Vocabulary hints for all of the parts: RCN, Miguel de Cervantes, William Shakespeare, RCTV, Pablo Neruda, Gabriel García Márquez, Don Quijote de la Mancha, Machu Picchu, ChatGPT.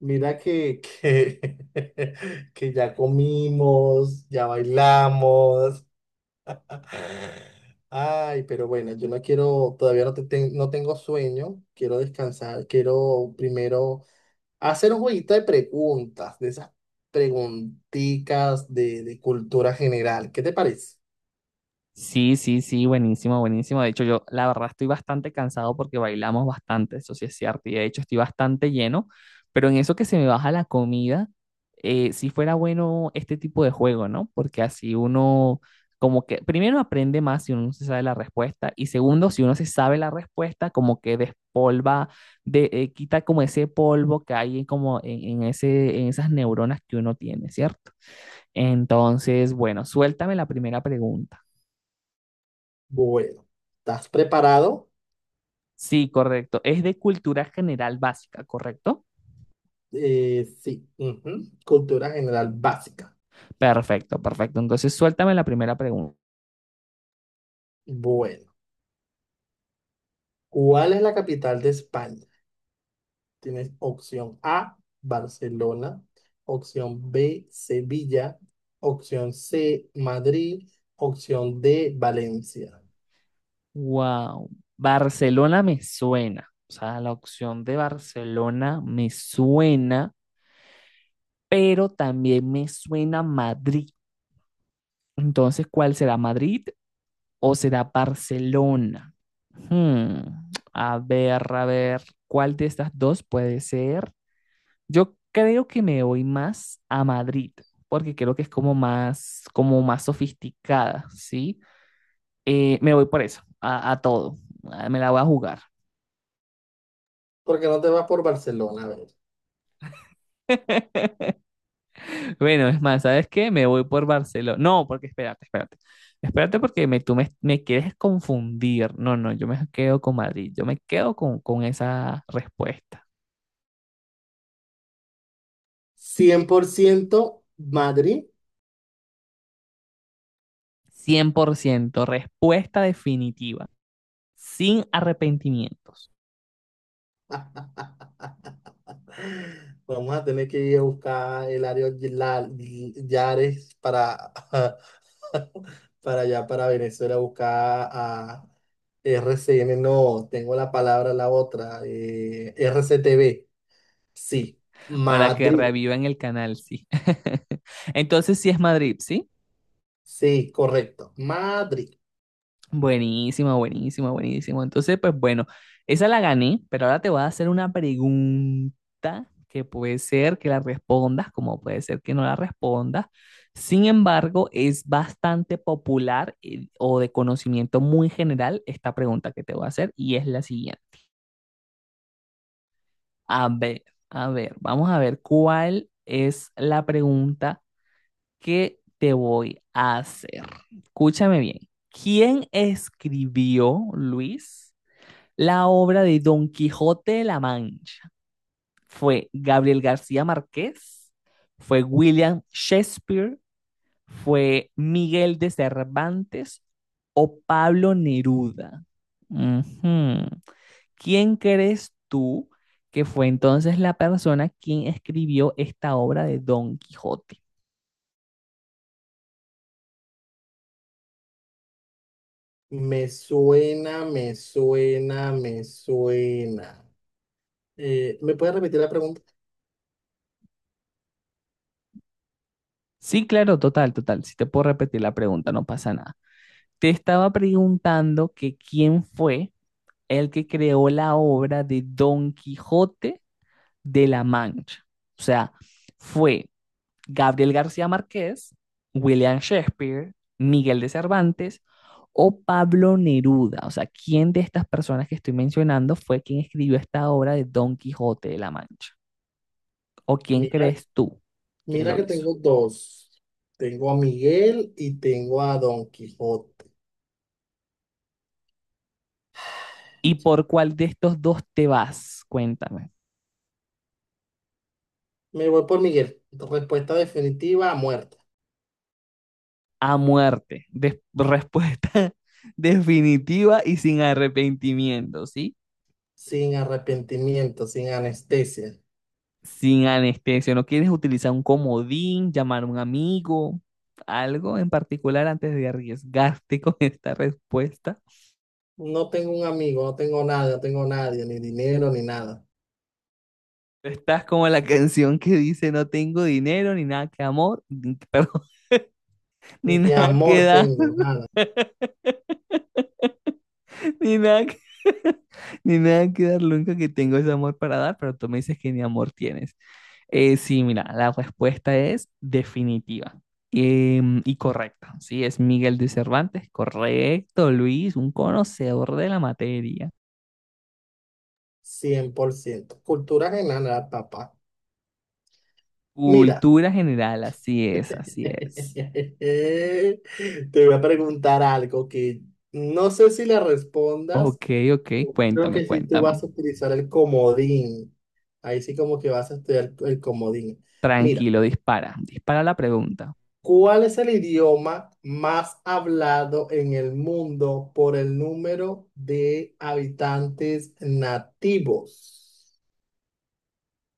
Mira que ya comimos, ya bailamos. Ay, pero bueno, yo no quiero, todavía no, no tengo sueño, quiero descansar, quiero primero hacer un jueguito de preguntas, de esas preguntitas de cultura general. ¿Qué te parece? Sí, sí, sí, buenísimo, buenísimo. De hecho, yo la verdad estoy bastante cansado porque bailamos bastante, eso sí es cierto. Y de hecho estoy bastante lleno, pero en eso que se me baja la comida, si fuera bueno este tipo de juego, ¿no? Porque así uno, como que, primero aprende más si uno no se sabe la respuesta y segundo, si uno se sabe la respuesta, como que despolva, quita como ese polvo que hay en como en esas neuronas que uno tiene, ¿cierto? Entonces, bueno, suéltame la primera pregunta. Bueno, ¿estás preparado? Sí, correcto. Es de cultura general básica, ¿correcto? Sí, ujú, cultura general básica. Perfecto, perfecto. Entonces, suéltame la primera pregunta. Bueno, ¿cuál es la capital de España? Tienes opción A, Barcelona, opción B, Sevilla, opción C, Madrid, opción D, Valencia. Wow, Barcelona me suena. O sea, la opción de Barcelona me suena, pero también me suena Madrid. Entonces, ¿cuál será Madrid o será Barcelona? A ver, ¿cuál de estas dos puede ser? Yo creo que me voy más a Madrid, porque creo que es como más sofisticada, ¿sí? Me voy por eso, a todo. Ah, me la voy a jugar. ¿Por qué no te vas por Barcelona? A ver. Bueno, es más, ¿sabes qué? Me voy por Barcelona. No, porque espérate, espérate. Espérate porque tú me, me quieres confundir. No, no, yo me quedo con Madrid. Yo me quedo con esa respuesta. Cien por ciento Madrid. 100%. Respuesta definitiva, sin arrepentimientos. Vamos a tener que ir a buscar el área Yares para, para allá, para Venezuela, a buscar a RCN. No, tengo la palabra, la otra. RCTV. Sí, Para que Madrid. revivan el canal, sí. Entonces sí es Madrid, ¿sí? Sí, correcto. Madrid. Buenísima, buenísima, buenísima. Entonces, pues bueno, esa la gané, pero ahora te voy a hacer una pregunta que puede ser que la respondas, como puede ser que no la respondas. Sin embargo, es bastante popular, o de conocimiento muy general esta pregunta que te voy a hacer, y es la siguiente. A ver, a ver, vamos a ver cuál es la pregunta. ¿Qué te voy a hacer? Escúchame bien. ¿Quién escribió, Luis, la obra de Don Quijote de la Mancha? ¿Fue Gabriel García Márquez? ¿Fue William Shakespeare? ¿Fue Miguel de Cervantes o Pablo Neruda? Ujú. ¿Quién crees tú que fue entonces la persona quien escribió esta obra de Don Quijote? Me suena, me suena, me suena. ¿Me puedes repetir la pregunta? Sí, claro, total, total. Si te puedo repetir la pregunta, no pasa nada. Te estaba preguntando que quién fue el que creó la obra de Don Quijote de la Mancha. O sea, fue Gabriel García Márquez, William Shakespeare, Miguel de Cervantes o Pablo Neruda. O sea, ¿quién de estas personas que estoy mencionando fue quien escribió esta obra de Don Quijote de la Mancha? ¿O quién Mira, crees tú que mira lo que hizo? tengo dos. Tengo a Miguel y tengo a Don Quijote. ¿Y por cuál de estos dos te vas? Cuéntame. Me voy por Miguel. Respuesta definitiva, muerta. A muerte. Respuesta definitiva y sin arrepentimiento, ¿sí? Sin arrepentimiento, sin anestesia. Sin anestesia. ¿No quieres utilizar un comodín, llamar a un amigo, algo en particular antes de arriesgarte con esta respuesta? No tengo un amigo, no tengo nada, no tengo nadie, ni dinero, ni nada. Estás como la canción que dice no tengo dinero, ni nada que amor, ni, perdón, ni Ni nada que amor dar, tengo, nada. ni nada que, ni nada que dar, nunca que tengo ese amor para dar, pero tú me dices que ni amor tienes. Sí, mira, la respuesta es definitiva y correcta. Sí, es Miguel de Cervantes. Correcto, Luis, un conocedor de la materia. 100%. Cultura general, papá. Mira. Cultura general, así es, así es. Te voy a preguntar algo que no sé si le respondas. Ok, ok, Creo cuéntame, que si tú cuéntame. vas a utilizar el comodín. Ahí sí como que vas a estudiar el comodín. Mira, Tranquilo, dispara, dispara la pregunta. ¿cuál es el idioma más hablado en el mundo por el número de habitantes nativos?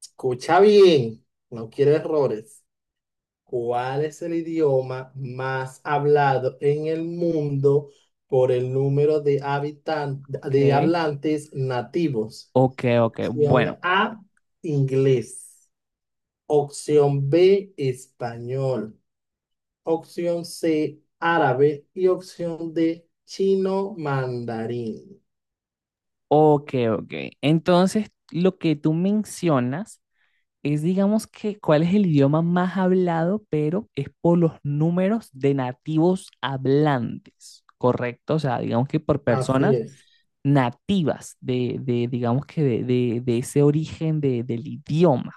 Escucha bien, no quiero errores. ¿Cuál es el idioma más hablado en el mundo por el número de habitan de Ok, hablantes nativos? ok, ok, Opción bueno, A, inglés. Opción B, español. Opción C, árabe. Y opción D, chino mandarín. ok, ok. Entonces, lo que tú mencionas es, digamos que, ¿cuál es el idioma más hablado? Pero es por los números de nativos hablantes, ¿correcto? O sea, digamos que por Así personas es. nativas de, digamos que, de ese origen del idioma.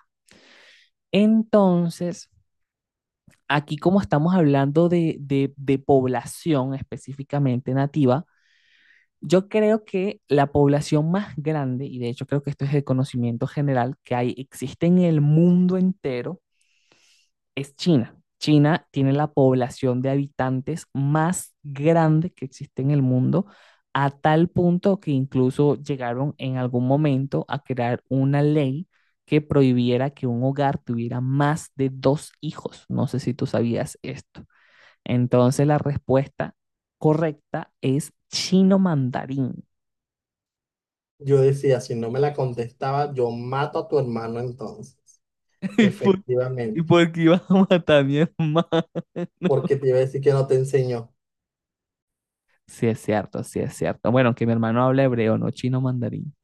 Entonces, aquí como estamos hablando de población específicamente nativa, yo creo que la población más grande, y de hecho creo que esto es el conocimiento general que hay, existe en el mundo entero, es China. China tiene la población de habitantes más grande que existe en el mundo, a tal punto que incluso llegaron en algún momento a crear una ley que prohibiera que un hogar tuviera más de dos hijos. No sé si tú sabías esto. Entonces la respuesta correcta es chino mandarín. Yo decía, si no me la contestaba, yo mato a tu hermano entonces. ¿Y Efectivamente. por qué ibas a matar a mi hermano? Porque te iba a decir que no te enseñó. Sí es cierto, sí es cierto. Bueno, que mi hermano habla hebreo, no chino mandarín.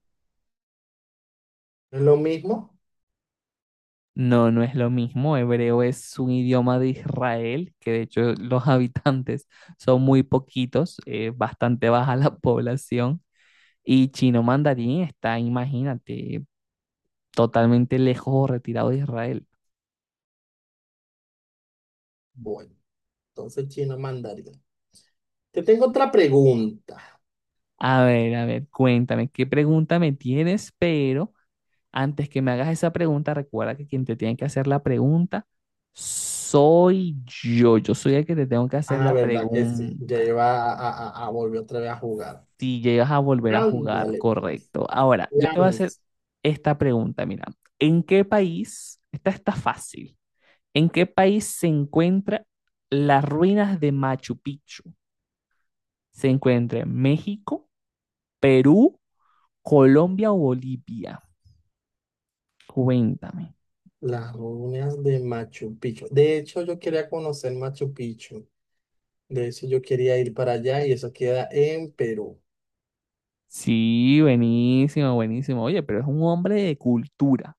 ¿No es lo mismo? No, no es lo mismo. Hebreo es un idioma de Israel, que de hecho los habitantes son muy poquitos, bastante baja la población. Y chino mandarín está, imagínate, totalmente lejos o retirado de Israel. Bueno, entonces chino mandarín. Te tengo otra pregunta. A ver, cuéntame, ¿qué pregunta me tienes? Pero antes que me hagas esa pregunta, recuerda que quien te tiene que hacer la pregunta soy yo. Yo soy el que te tengo que hacer Ah, la verdad que sí. Ya pregunta. iba a volver otra vez a jugar. Si llegas a volver a jugar, Ándale, pues. correcto. Ahora, yo te voy a hacer Lanz- esta pregunta, mira, ¿en qué país, esta está fácil, en qué país se encuentran las ruinas de Machu Picchu? ¿Se encuentra en México, Perú, Colombia o Bolivia? Cuéntame. Las ruinas de Machu Picchu. De hecho, yo quería conocer Machu Picchu. De hecho, yo quería ir para allá y eso queda en Perú. Sí, buenísimo, buenísimo. Oye, pero es un hombre de cultura,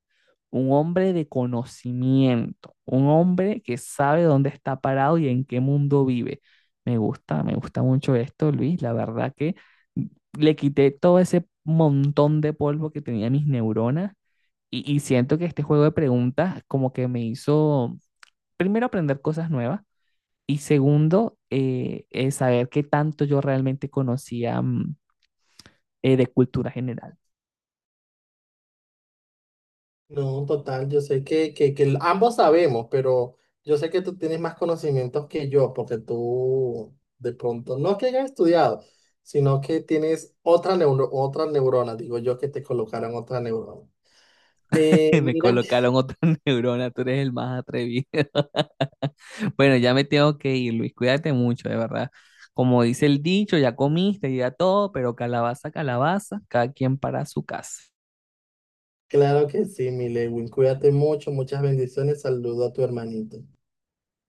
un hombre de conocimiento, un hombre que sabe dónde está parado y en qué mundo vive. Me gusta mucho esto, Luis. La verdad que le quité todo ese montón de polvo que tenía mis neuronas, y siento que este juego de preguntas como que me hizo, primero, aprender cosas nuevas y segundo, saber qué tanto yo realmente conocía de cultura general. No, total, yo sé que ambos sabemos, pero yo sé que tú tienes más conocimientos que yo, porque tú de pronto, no que hayas estudiado, sino que tienes otra neurona, digo yo que te colocaron otra neurona. Me Mira, que- colocaron otra neurona, tú eres el más atrevido. Bueno, ya me tengo que ir, Luis, cuídate mucho, de verdad. Como dice el dicho, ya comiste, ya todo, pero calabaza, calabaza, cada quien para su casa. claro que sí, mi Lewin, cuídate mucho, muchas bendiciones, saludo a tu hermanito.